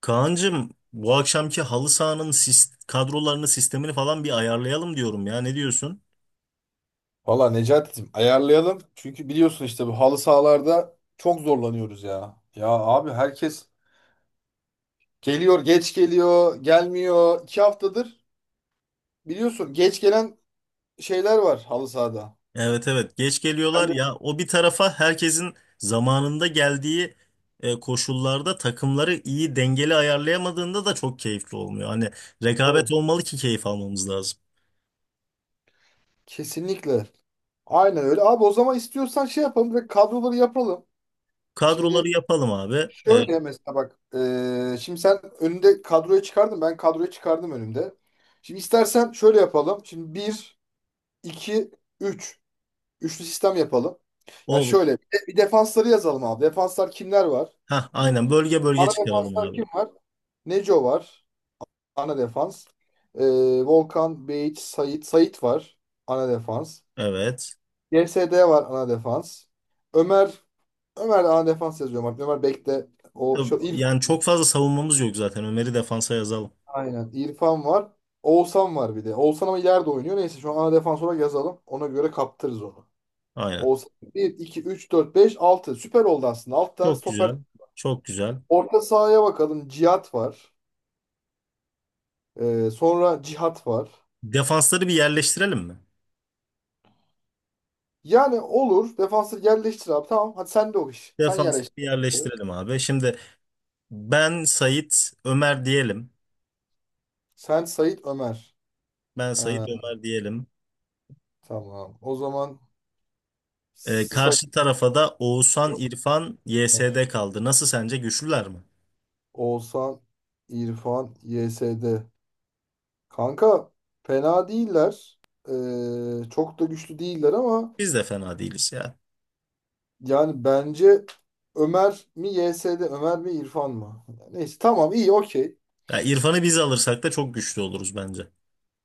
Kaan'cığım bu akşamki halı sahanın kadrolarını sistemini falan bir ayarlayalım diyorum ya ne diyorsun? Valla Necati'cim ayarlayalım. Çünkü biliyorsun işte bu halı sahalarda çok zorlanıyoruz ya. Ya abi herkes geliyor, geç geliyor, gelmiyor. 2 haftadır biliyorsun geç gelen şeyler var halı sahada. Evet, evet, geç geliyorlar Ben de- ya o bir tarafa herkesin zamanında geldiği koşullarda takımları iyi dengeli ayarlayamadığında da çok keyifli olmuyor. Hani Tabii. rekabet olmalı ki keyif almamız lazım. Kesinlikle. Aynen öyle. Abi o zaman istiyorsan şey yapalım ve kadroları yapalım. Şimdi Kadroları yapalım abi. E, şöyle mesela bak. Şimdi sen önünde kadroyu çıkardın. Ben kadroyu çıkardım önümde. Şimdi istersen şöyle yapalım. Şimdi bir 2 3. Üçlü sistem yapalım. Ya olur. şöyle bir defansları yazalım abi. Defanslar kimler var? Ha, Hmm. aynen bölge bölge Ana çıkaralım defanslar abi. kim var? Neco var. Ana defans. Ee, Volkan, Beyiç, Sait. Sait var. Ana defans. Evet. GSD var ana defans. Ömer Ömer de ana defans yazıyorum artık. Ömer bekle. O şu İrfan Yani çok var. fazla savunmamız yok zaten. Ömer'i defansa yazalım. Aynen. İrfan var. Oğuzhan var bir de. Oğuzhan ama ileride oynuyor. Neyse şu an ana defans olarak yazalım. Ona göre kaptırırız onu. Aynen. Olsa bir 2 3 4 5 altı. Süper oldu aslında. 6 tane Çok stoper. güzel. Çok güzel. Orta sahaya bakalım. Cihat var. Sonra Cihat var. Defansları bir yerleştirelim mi? Yani olur. Defansı yerleştir abi. Tamam. Hadi sen de o iş. Sen Defansları bir yerleştir. yerleştirelim abi. Şimdi ben Sait Ömer diyelim. Sen Sait Ömer. Ben Sait Ha, Ömer diyelim. tamam. O zaman Sait Karşı tarafa da Oğuzhan, İrfan, Ömer. YSD kaldı. Nasıl sence güçlüler mi? Oğuzhan, İrfan, YSD. Kanka fena değiller. Çok da güçlü değiller ama Biz de fena değiliz ya. yani bence Ömer mi YS'de Ömer mi İrfan mı? Neyse tamam iyi okey. Ya İrfan'ı biz alırsak da çok güçlü oluruz bence.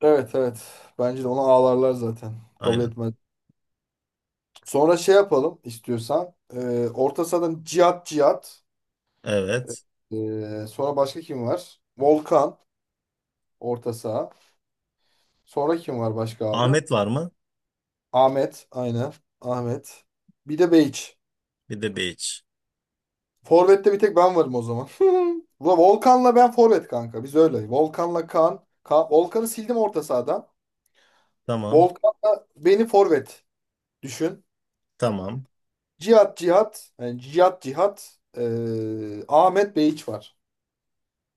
Evet evet. Bence de ona ağlarlar zaten. Kabul Aynen. etmez. Sonra şey yapalım istiyorsan. Orta sahadan Cihat Cihat. Evet. Sonra başka kim var? Volkan orta saha. Sonra kim var başka abi? Ahmet var mı? Ahmet aynen. Ahmet. Bir de Beyç. Bir de Beyiç. Forvet'te bir tek ben varım o zaman. Ulan Volkan'la ben forvet kanka. Biz öyle. Volkan'la Kaan. Ka Volkan'ı sildim orta sahadan. Tamam. Volkan'la beni forvet düşün. Tamam. Cihat Cihat, yani Cihat Cihat, Ahmet Behiç var.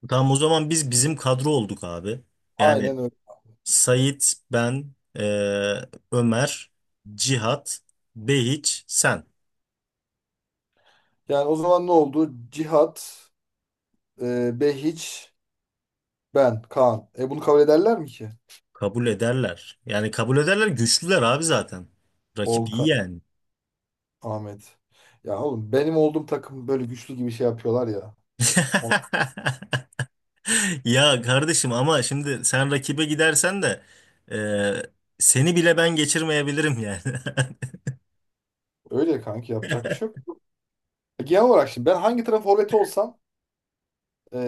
Tamam, o zaman biz bizim kadro olduk abi. Yani Aynen öyle. Sait, ben, Ömer, Cihat, Behiç, sen. Yani o zaman ne oldu? Cihat, Behiç, ben, Kaan. E bunu kabul ederler mi ki? Kabul ederler. Yani kabul ederler, güçlüler abi zaten. Rakip iyi Volkan, yani. Ahmet. Ya oğlum benim olduğum takım böyle güçlü gibi şey yapıyorlar ya. Ona- Ya kardeşim, ama şimdi sen rakibe gidersen de eee, seni bile ben geçirmeyebilirim yani. Öyle kanki yapacak bir şey yok. E, genel olarak şimdi ben hangi taraf forveti olsam eee,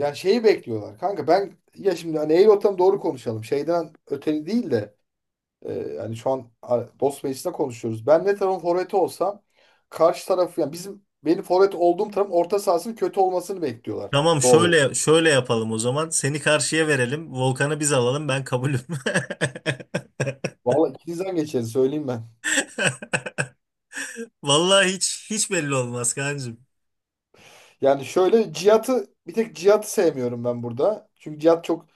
yani şeyi bekliyorlar. Kanka ben ya şimdi hani eğil ortam doğru konuşalım. Şeyden öteli değil de yani şu an dost meclisinde konuşuyoruz. Ben ne tarafın forveti olsam karşı tarafı yani benim forvet olduğum tarafın orta sahasının kötü olmasını bekliyorlar. Tamam, Doğal olarak. şöyle şöyle yapalım o zaman. Seni karşıya verelim. Volkan'ı biz alalım. Ben kabulüm. Vallahi ikinizden geçeriz söyleyeyim ben. Vallahi hiç belli olmaz kancım. Yani şöyle Cihat'ı bir tek Cihat'ı sevmiyorum ben burada. Çünkü Cihat çok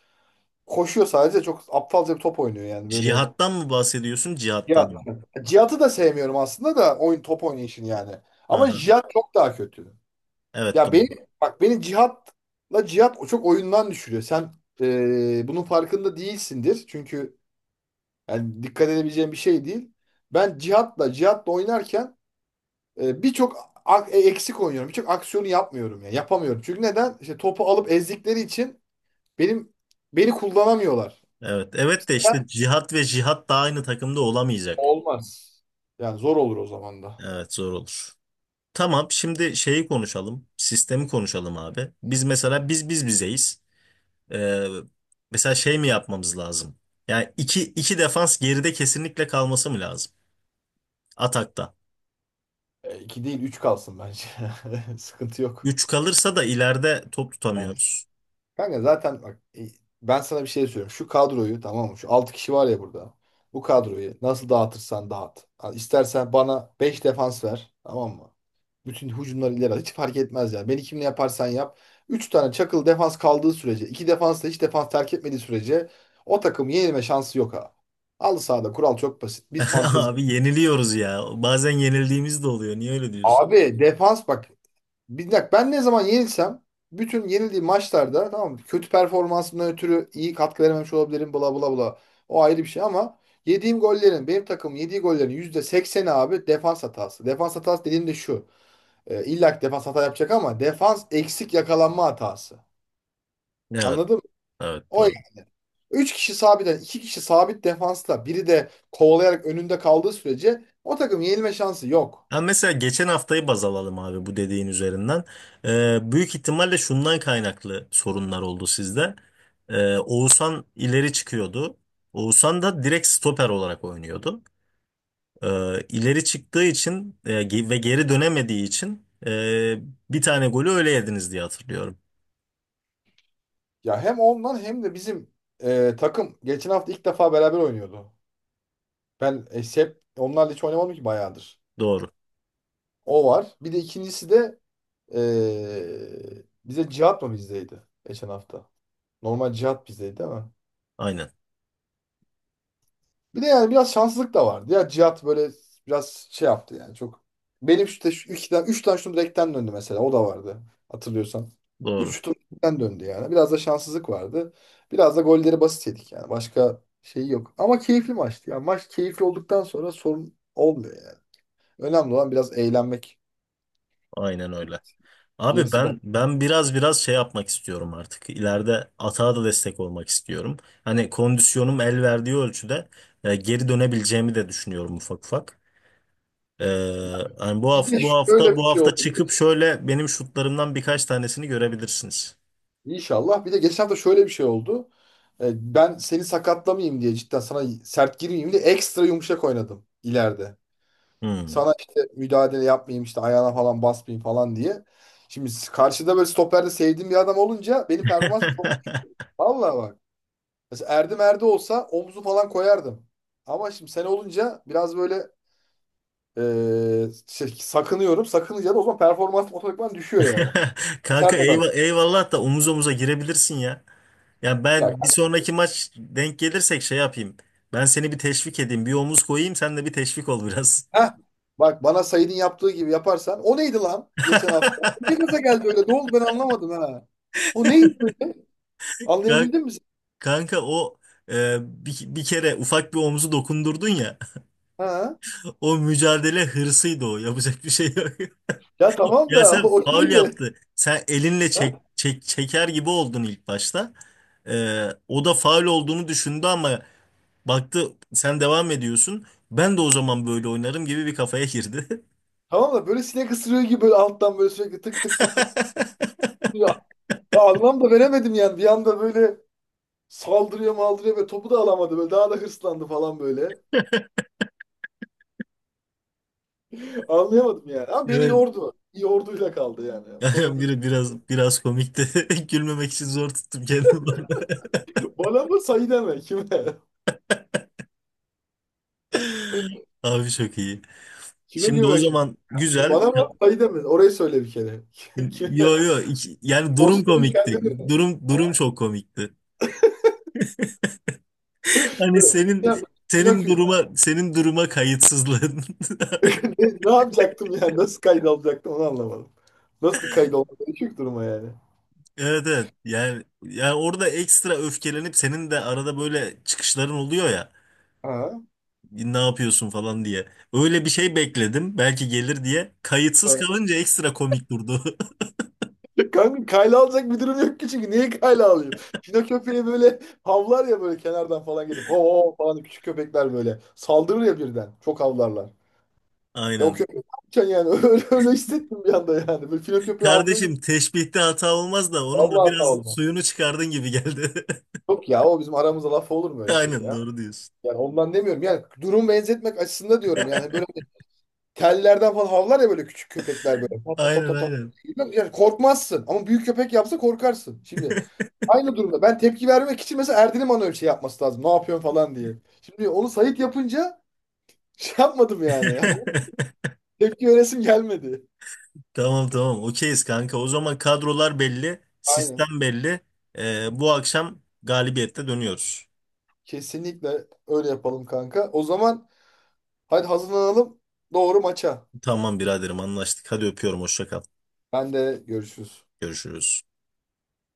koşuyor sadece çok aptalca bir top oynuyor yani böyle. Cihattan mı bahsediyorsun? Cihattan Cihat. mı? Cihat'ı da sevmiyorum aslında da oyun top oynayışını yani. Ama Aha. Cihat çok daha kötü. Evet Ya doğru. beni Bak beni cihatla cihat o çok oyundan düşürüyor. Sen bunun farkında değilsindir. Çünkü yani dikkat edebileceğim bir şey değil. Ben cihatla cihatla oynarken birçok eksik oynuyorum. Birçok aksiyonu yapmıyorum ya. Yapamıyorum. Çünkü neden? İşte topu alıp ezdikleri için benim beni kullanamıyorlar. Evet. Evet de Mesela ben- işte cihat ve cihat da aynı takımda olamayacak. Olmaz. Yani zor olur o zaman da. Evet, zor olur. Tamam, şimdi şeyi konuşalım. Sistemi konuşalım abi. Biz mesela biz bizeyiz. Ee, Mesela şey mi yapmamız lazım? Yani iki, iki defans geride kesinlikle kalması mı lazım? Atakta. E, iki değil üç kalsın bence. Sıkıntı yok. Üç kalırsa da ileride top tutamıyoruz. Kanka zaten bak ben sana bir şey söylüyorum. Şu kadroyu tamam mı? Şu 6 kişi var ya burada. Bu kadroyu nasıl dağıtırsan dağıt. Ha, İstersen bana 5 defans ver. Tamam mı? Bütün hücumları ileri at. Hiç fark etmez yani. Beni kimle yaparsan yap. 3 tane çakıl defans kaldığı sürece, 2 defans da hiç defans terk etmediği sürece o takım yenilme şansı yok ha. Al sahada kural çok basit. Biz fantezi. Abi yeniliyoruz ya. Bazen yenildiğimiz de oluyor. Niye öyle diyorsun? Abi defans bak. Bir dakika ben ne zaman yenilsem bütün yenildiğim maçlarda tamam mı? Kötü performansımdan ötürü iyi katkı verememiş olabilirim bla bla bla. O ayrı bir şey ama yediğim gollerin benim takım yediği gollerin %80'i abi defans hatası. Defans hatası dediğim de şu. E, illa ki defans hata yapacak ama defans eksik yakalanma hatası. Evet. Anladın mı? Evet, O doğru. 3 kişi sabiten 2 kişi sabit defansla biri de kovalayarak önünde kaldığı sürece o takım yenilme şansı yok. Ha, mesela geçen haftayı baz alalım abi bu dediğin üzerinden. Büyük ihtimalle şundan kaynaklı sorunlar oldu sizde. Oğuzhan ileri çıkıyordu. Oğuzhan da direkt stoper olarak oynuyordu. İleri çıktığı için ve geri dönemediği için bir tane golü öyle yediniz diye hatırlıyorum. Ya hem ondan hem de bizim takım geçen hafta ilk defa beraber oynuyordu. Ben hep onlarla hiç oynamadım ki bayağıdır. Doğru. O var. Bir de ikincisi de bize Cihat mı bizdeydi geçen hafta? Normal Cihat bizdeydi ama. Aynen. Bir de yani biraz şanssızlık da vardı. Ya Cihat böyle biraz şey yaptı yani çok. Benim işte şu iki tane, üç tane şutum direkten döndü mesela. O da vardı hatırlıyorsan. Üç Doğru. şutum direkten döndü yani. Biraz da şanssızlık vardı. Biraz da golleri basit yedik yani. Başka şey yok. Ama keyifli maçtı. Yani maç keyifli olduktan sonra sorun olmuyor yani. Önemli olan biraz eğlenmek. Aynen öyle. Abi Gerisi bak. ben biraz şey yapmak istiyorum artık. İleride atağa da destek olmak istiyorum. Hani kondisyonum el verdiği ölçüde geri dönebileceğimi de düşünüyorum ufak ufak. Ee, Hani bu Bir hafta de bu şöyle hafta bir bu şey oldu. hafta çıkıp şöyle benim şutlarımdan birkaç tanesini görebilirsiniz. İnşallah. Bir de geçen hafta şöyle bir şey oldu. Ben seni sakatlamayayım diye cidden sana sert girmeyeyim diye ekstra yumuşak oynadım ileride. Hmm. Sana işte müdahale yapmayayım işte ayağına falan basmayayım falan diye. Şimdi karşıda böyle stoperde sevdiğim bir adam olunca benim performans çok... Vallahi bak. Mesela Erdem Erde olsa omuzu falan koyardım. Ama şimdi sen olunca biraz böyle e, sakınıyorum. Sakınınca da o zaman performans otomatikman düşüyor yani. Kanka, Sert adam. Eyvallah da omuz omuza girebilirsin ya. Ya Ya ben bir sonraki maç denk gelirsek şey yapayım. Ben seni bir teşvik edeyim. Bir omuz koyayım, sen de bir teşvik ol biraz. heh, bak bana Said'in yaptığı gibi yaparsan. O neydi lan geçen hafta? Ne gaza geldi öyle? Ne oldu ben anlamadım ha. O neydi böyle? Ka- Anlayabildin mi sen? Kanka o bir kere ufak bir omuzu dokundurdun ya. Ha? O mücadele hırsıydı o. Yapacak bir şey yok. Ya tamam Ya da sen o faul neydi? yaptı. Sen elinle Ha? Çeker gibi oldun ilk başta. O da faul olduğunu düşündü ama baktı sen devam ediyorsun. Ben de o zaman böyle oynarım gibi bir kafaya girdi. Tamam da böyle sinek ısırıyor gibi böyle alttan böyle sürekli tık tık tık tık. Ya, ya anlam da veremedim yani. Bir anda böyle saldırıyor maldırıyor ve topu da alamadı. Böyle daha da hırslandı falan böyle. Anlayamadım yani. Ama beni Evet. yordu. Yorduyla kaldı yani. O konuda Yani biri diyeceğim. biraz komikti. Gülmemek için zor tuttum kendimi. Bana mı Said'e mi? Kime? Abi çok iyi. Kime Şimdi o güvenmek şimdi? zaman güzel. Bana bak ayı demedi. Orayı söyle bir kere. Kime? Yani durum Osman'ın komikti. kendini. Durum Ha, durum çok komikti. Hani böyle. senin Ya, senin Pinokyo. duruma senin duruma kayıtsızlığın. Ne, ne yapacaktım yani? Nasıl kayıt alacaktım onu anlamadım. Nasıl bir kayıt olmadı? Düşük duruma yani. Evet, evet. Yani orada ekstra öfkelenip senin de arada böyle çıkışların oluyor ya. Ha. Ne yapıyorsun falan diye. Öyle bir şey bekledim. Belki gelir diye. Kayıtsız Ha. kalınca ekstra komik durdu. Kanka kayla alacak bir durum yok ki çünkü. Niye kayla alayım? Pino köpeği böyle havlar ya böyle kenardan falan gelip. Ho ho falan küçük köpekler böyle. Saldırır ya birden. Çok havlarlar. Ya o Aynen. köpek ne yapacaksın yani? Öyle, öyle hissettim bir anda yani. Böyle Pino köpeği havlıyor gibi. Kardeşim teşbihte hata olmaz da onun da Vallahi hata biraz oldu. suyunu çıkardın gibi geldi. Yok ya o bizim aramızda laf olur mu öyle şey Aynen, ya? doğru diyorsun. Yani ondan demiyorum. Yani durum benzetmek açısında diyorum. Yani böyle tellerden falan havlar ya böyle küçük köpekler böyle. Tot tot tot Aynen, tot. Tot. aynen. Yani korkmazsın ama büyük köpek yapsa korkarsın. Şimdi aynı durumda ben tepki vermek için mesela Erdin'in bana öyle şey yapması lazım. Ne yapıyorsun falan diye. Şimdi onu Sait yapınca şey yapmadım yani. Yani tepki veresim gelmedi. Tamam, tamam, okeyiz kanka. O zaman kadrolar belli, Aynen. sistem belli. Bu akşam galibiyette dönüyoruz. Kesinlikle öyle yapalım kanka. O zaman hadi hazırlanalım. Doğru maça. Tamam biraderim, anlaştık. Hadi öpüyorum, hoşça kal. Ben de görüşürüz. Görüşürüz.